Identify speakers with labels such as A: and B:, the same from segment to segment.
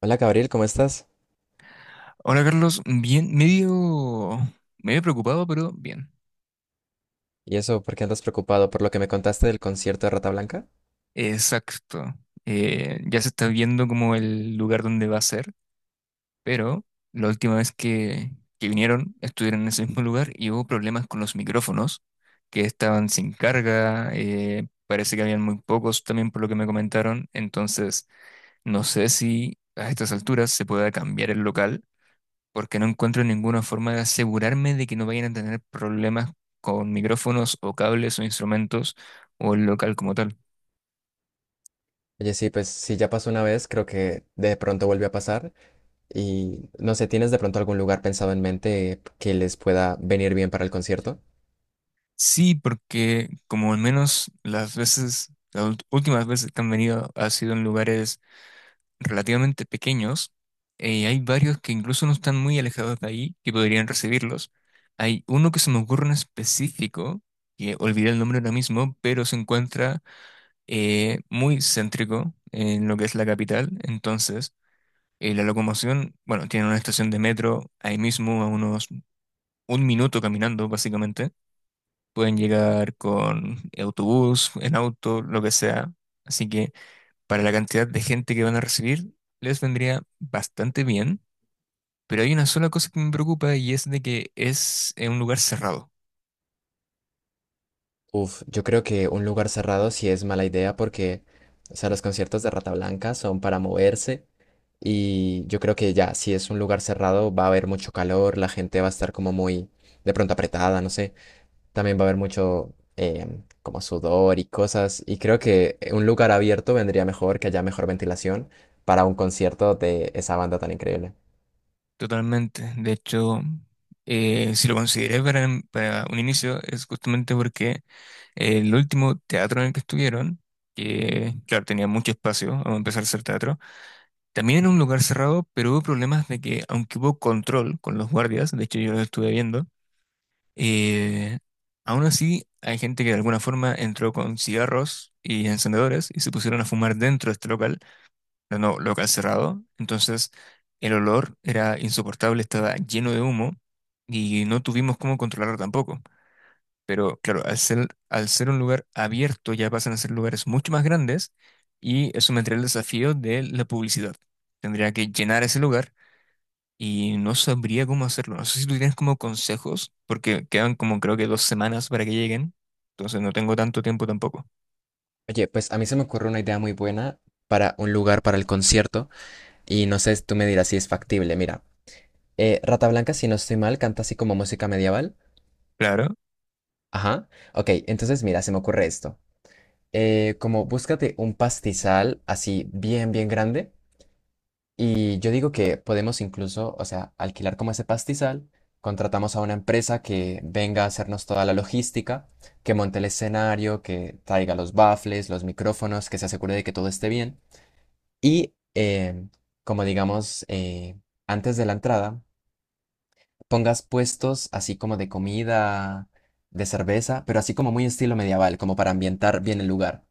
A: Hola Gabriel, ¿cómo estás?
B: Hola Carlos, bien, medio preocupado, pero bien.
A: ¿Y eso, por qué andas preocupado por lo que me contaste del concierto de Rata Blanca?
B: Exacto. Ya se está viendo como el lugar donde va a ser, pero la última vez que vinieron estuvieron en ese mismo lugar y hubo problemas con los micrófonos, que estaban sin carga. Parece que habían muy pocos también por lo que me comentaron, entonces no sé si a estas alturas se pueda cambiar el local porque no encuentro ninguna forma de asegurarme de que no vayan a tener problemas con micrófonos o cables o instrumentos o el local como tal.
A: Oye, sí, pues si ya pasó una vez, creo que de pronto vuelve a pasar y no sé, ¿tienes de pronto algún lugar pensado en mente que les pueda venir bien para el concierto?
B: Sí, porque como al menos las veces, las ult- últimas veces que han venido ha sido en lugares relativamente pequeños. Hay varios que incluso no están muy alejados de ahí que podrían recibirlos. Hay uno que se me ocurre en específico, que olvidé el nombre ahora mismo, pero se encuentra muy céntrico en lo que es la capital. Entonces y la locomoción, bueno, tienen una estación de metro ahí mismo, a unos un minuto caminando, básicamente. Pueden llegar con autobús, en auto, lo que sea. Así que para la cantidad de gente que van a recibir, les vendría bastante bien. Pero hay una sola cosa que me preocupa y es de que es un lugar cerrado.
A: Uf, yo creo que un lugar cerrado sí es mala idea porque, o sea, los conciertos de Rata Blanca son para moverse y yo creo que ya, si es un lugar cerrado va a haber mucho calor, la gente va a estar como muy de pronto apretada, no sé. También va a haber mucho como sudor y cosas. Y creo que un lugar abierto vendría mejor, que haya mejor ventilación para un concierto de esa banda tan increíble.
B: Totalmente. De hecho, si lo consideré para un inicio, es justamente porque el último teatro en el que estuvieron, que claro, tenía mucho espacio a empezar a hacer teatro, también era un lugar cerrado, pero hubo problemas de que, aunque hubo control con los guardias, de hecho yo lo estuve viendo, eh, aún así hay gente que de alguna forma entró con cigarros y encendedores y se pusieron a fumar dentro de este local, pero no local cerrado, entonces el olor era insoportable, estaba lleno de humo y no tuvimos cómo controlarlo tampoco. Pero claro, al ser un lugar abierto ya pasan a ser lugares mucho más grandes y eso me entraría el desafío de la publicidad. Tendría que llenar ese lugar y no sabría cómo hacerlo. No sé si tú tienes como consejos, porque quedan como creo que 2 semanas para que lleguen, entonces no tengo tanto tiempo tampoco.
A: Oye, pues a mí se me ocurre una idea muy buena para un lugar para el concierto. Y no sé, tú me dirás si es factible. Mira, Rata Blanca, si no estoy mal, canta así como música medieval.
B: Claro,
A: Ajá. Ok, entonces mira, se me ocurre esto. Como búscate un pastizal así bien, bien grande. Y yo digo que podemos incluso, o sea, alquilar como ese pastizal, contratamos a una empresa que venga a hacernos toda la logística, que monte el escenario, que traiga los baffles, los micrófonos, que se asegure de que todo esté bien. Y como digamos, antes de la entrada, pongas puestos así como de comida, de cerveza, pero así como muy estilo medieval, como para ambientar bien el lugar.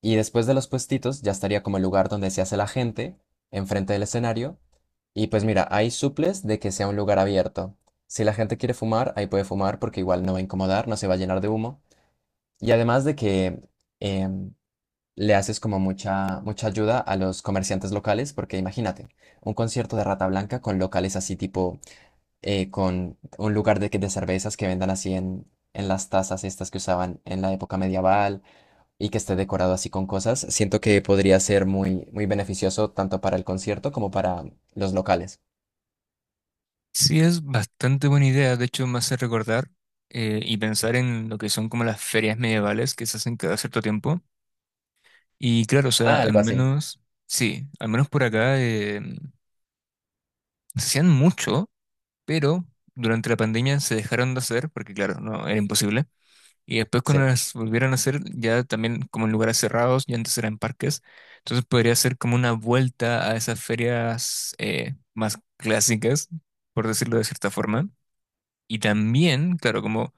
A: Y después de los puestitos ya estaría como el lugar donde se hace la gente, enfrente del escenario. Y pues mira, hay suples de que sea un lugar abierto. Si la gente quiere fumar, ahí puede fumar porque igual no va a incomodar, no se va a llenar de humo. Y además de que em, le haces como mucha, mucha ayuda a los comerciantes locales, porque imagínate, un concierto de Rata Blanca con locales así tipo, con un lugar de, de cervezas que vendan así en las tazas estas que usaban en la época medieval y que esté decorado así con cosas, siento que podría ser muy, muy beneficioso tanto para el concierto como para los locales.
B: sí es bastante buena idea, de hecho me hace recordar y pensar en lo que son como las ferias medievales que se hacen cada cierto tiempo. Y claro, o sea,
A: Ah,
B: al
A: algo así.
B: menos, sí, al menos por acá. No se hacían mucho, pero durante la pandemia se dejaron de hacer, porque claro, no, era imposible. Y después cuando
A: Sí,
B: las volvieron a hacer, ya también como en lugares cerrados, ya antes eran parques, entonces podría ser como una vuelta a esas ferias más clásicas, por decirlo de cierta forma. Y también, claro, como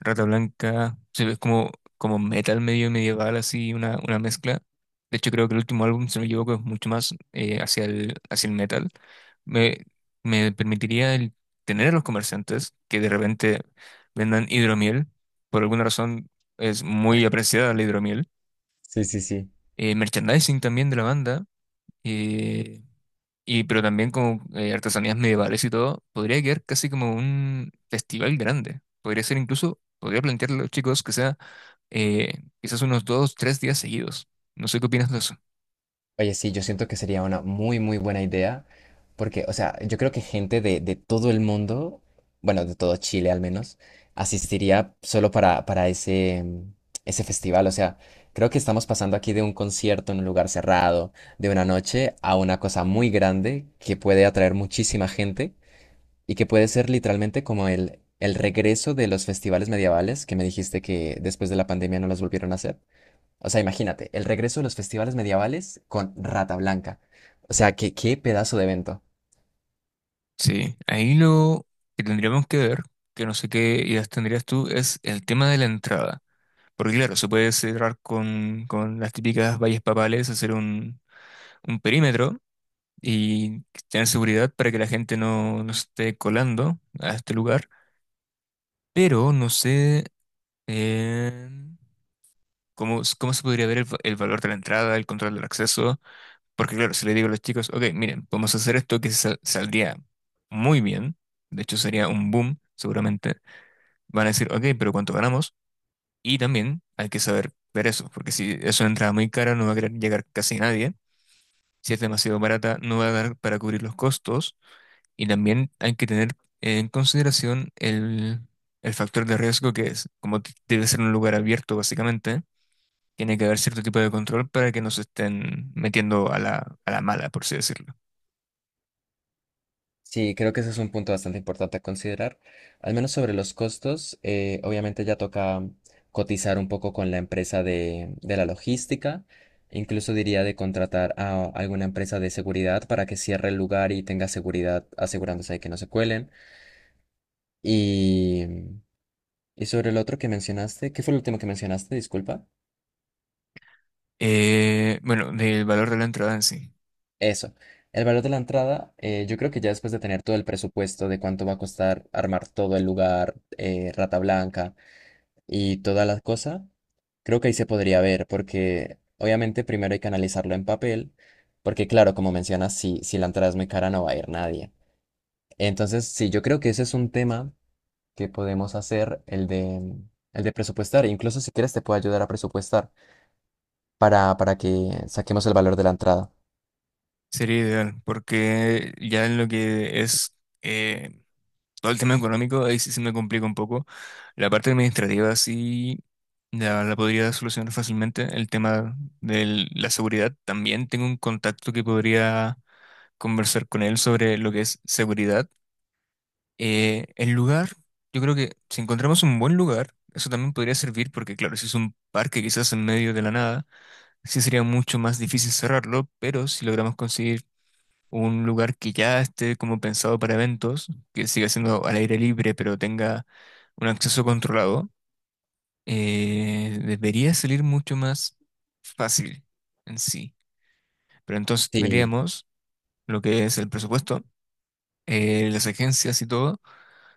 B: Rata Blanca, se ve como metal medio medieval, así, una mezcla. De hecho, creo que el último álbum, si no me equivoco, es mucho más hacia el metal. Me, me permitiría el tener a los comerciantes que de repente vendan hidromiel. Por alguna razón es muy apreciada la hidromiel.
A: sí, sí, sí.
B: Merchandising también de la banda. eh, pero también con artesanías medievales y todo, podría quedar casi como un festival grande. Podría ser incluso, podría plantearle a los chicos que sea eh, quizás unos dos, tres días seguidos. No sé qué opinas de eso.
A: Oye, sí, yo siento que sería una muy, muy buena idea, porque, o sea, yo creo que gente de todo el mundo, bueno, de todo Chile al menos, asistiría solo para ese, ese festival. O sea, creo que estamos pasando aquí de un concierto en un lugar cerrado, de una noche, a una cosa muy grande que puede atraer muchísima gente. Y que puede ser literalmente como el regreso de los festivales medievales, que me dijiste que después de la pandemia no los volvieron a hacer. O sea, imagínate, el regreso de los festivales medievales con Rata Blanca. O sea, que qué pedazo de evento.
B: Sí, ahí lo que tendríamos que ver, que no sé qué ideas tendrías tú, es el tema de la entrada. Porque claro, se puede cerrar con las típicas vallas papales, hacer un perímetro y tener seguridad para que la gente no se esté colando a este lugar. Pero no sé en cómo se podría ver el valor de la entrada, el control del acceso. Porque claro, si le digo a los chicos, ok, miren, podemos hacer esto que saldría muy bien, de hecho sería un boom, seguramente, van a decir, ok, pero ¿cuánto ganamos? Y también hay que saber ver eso, porque si es una entrada muy cara, no va a querer llegar casi nadie. Si es demasiado barata, no va a dar para cubrir los costos. Y también hay que tener en consideración el factor de riesgo que es, debe ser un lugar abierto, básicamente. Tiene que haber cierto tipo de control para que no se estén metiendo a la mala, por así decirlo.
A: Sí, creo que ese es un punto bastante importante a considerar. Al menos sobre los costos, obviamente ya toca cotizar un poco con la empresa de la logística. Incluso diría de contratar a alguna empresa de seguridad para que cierre el lugar y tenga seguridad asegurándose de que no se cuelen. Y, y sobre el otro que mencionaste, ¿qué fue el último que mencionaste? Disculpa.
B: Bueno, del valor de la entrada en sí.
A: Eso. El valor de la entrada, yo creo que ya después de tener todo el presupuesto de cuánto va a costar armar todo el lugar, Rata Blanca y toda la cosa, creo que ahí se podría ver, porque obviamente primero hay que analizarlo en papel, porque claro, como mencionas, si la entrada es muy cara no va a ir nadie. Entonces, sí, yo creo que ese es un tema que podemos hacer, el de presupuestar. Incluso si quieres te puedo ayudar a presupuestar para que saquemos el valor de la entrada.
B: Sería ideal, porque ya en lo que es eh, todo el tema económico, ahí sí se me complica un poco. La parte administrativa sí la podría solucionar fácilmente. El tema de la seguridad, también tengo un contacto que podría conversar con él sobre lo que es seguridad. El lugar, yo creo que si encontramos un buen lugar, eso también podría servir porque, claro, si es un parque quizás en medio de la nada, sí sería mucho más difícil cerrarlo, pero si logramos conseguir un lugar que ya esté como pensado para eventos, que siga siendo al aire libre, pero tenga un acceso controlado, debería salir mucho más fácil en sí. Pero entonces
A: Sí,
B: tendríamos lo que es el presupuesto, las agencias y todo.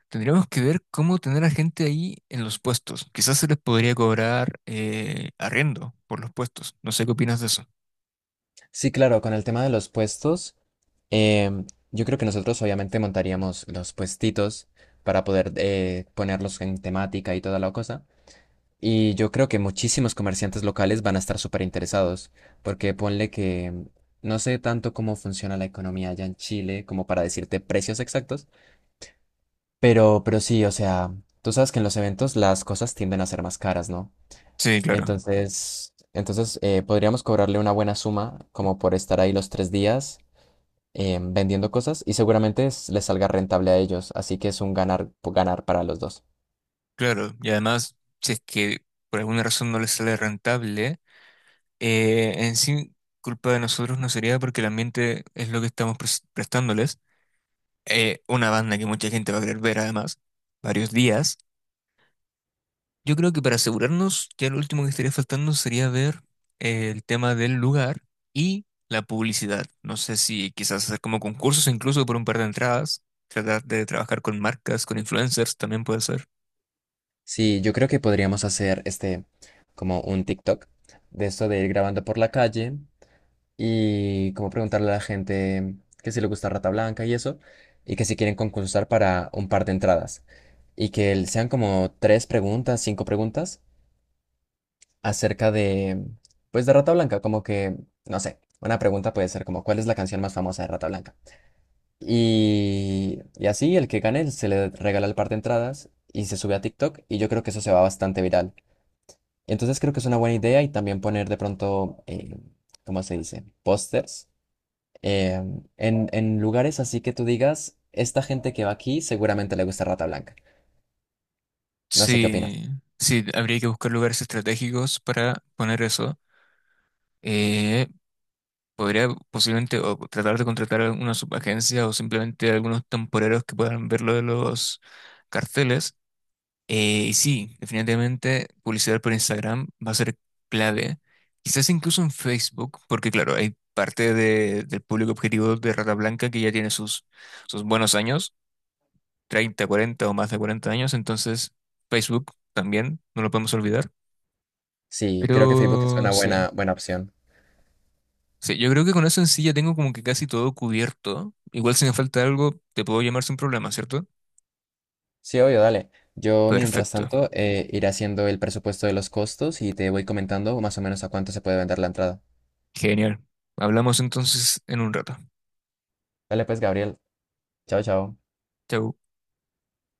B: Tendríamos que ver cómo tener a gente ahí en los puestos. Quizás se les podría cobrar arriendo por los puestos. No sé qué opinas de eso.
A: sí, claro, con el tema de los puestos, em, yo creo que nosotros obviamente montaríamos los puestitos para poder ponerlos en temática y toda la cosa. Y yo creo que muchísimos comerciantes locales van a estar súper interesados, porque ponle que no sé tanto cómo funciona la economía allá en Chile como para decirte precios exactos, pero sí, o sea, tú sabes que en los eventos las cosas tienden a ser más caras, ¿no?
B: Sí, claro,
A: Entonces, entonces podríamos cobrarle una buena suma como por estar ahí los 3 días vendiendo cosas y seguramente les salga rentable a ellos, así que es un ganar, ganar para los dos.
B: claro. Y además, si es que por alguna razón no les sale rentable, en sí, culpa de nosotros no sería porque el ambiente es lo que estamos prestándoles. Una banda que mucha gente va a querer ver, además, varios días. Yo creo que para asegurarnos, ya lo último que estaría faltando sería ver el tema del lugar y la publicidad. No sé si quizás hacer como concursos, incluso por un par de entradas, tratar de trabajar con marcas, con influencers también puede ser.
A: Sí, yo creo que podríamos hacer este como un TikTok de esto de ir grabando por la calle y como preguntarle a la gente que si le gusta Rata Blanca y eso y que si quieren concursar para un par de entradas y que sean como tres preguntas, cinco preguntas acerca de, pues, de Rata Blanca, como que, no sé, una pregunta puede ser como, ¿cuál es la canción más famosa de Rata Blanca? Y así el que gane se le regala el par de entradas y se sube a TikTok y yo creo que eso se va bastante viral. Entonces creo que es una buena idea y también poner de pronto, ¿cómo se dice? Pósters eh, en lugares así que tú digas, esta gente que va aquí seguramente le gusta Rata Blanca. No sé qué opinas.
B: Sí, sí, habría que buscar lugares estratégicos para poner eso. Eh, Podría posiblemente o tratar de contratar alguna subagencia o simplemente algunos temporeros que puedan ver lo de los carteles. Y sí, definitivamente publicidad por Instagram va a ser clave, quizás incluso en Facebook, porque claro, hay parte de- del público objetivo de Rata Blanca que ya tiene sus buenos años, 30, 40 o más de 40 años, entonces Facebook también, no lo podemos olvidar.
A: Sí, creo que Facebook es una
B: Pero sí,
A: buena, buena opción.
B: sí, yo creo que con eso en sí ya tengo como que casi todo cubierto. Igual si me falta algo, te puedo llamar sin problema, ¿cierto?
A: Sí, obvio, dale. Yo, mientras
B: Perfecto,
A: tanto, iré haciendo el presupuesto de los costos y te voy comentando más o menos a cuánto se puede vender la entrada.
B: genial. Hablamos entonces en un rato.
A: Dale, pues, Gabriel. Chao, chao.
B: Chau.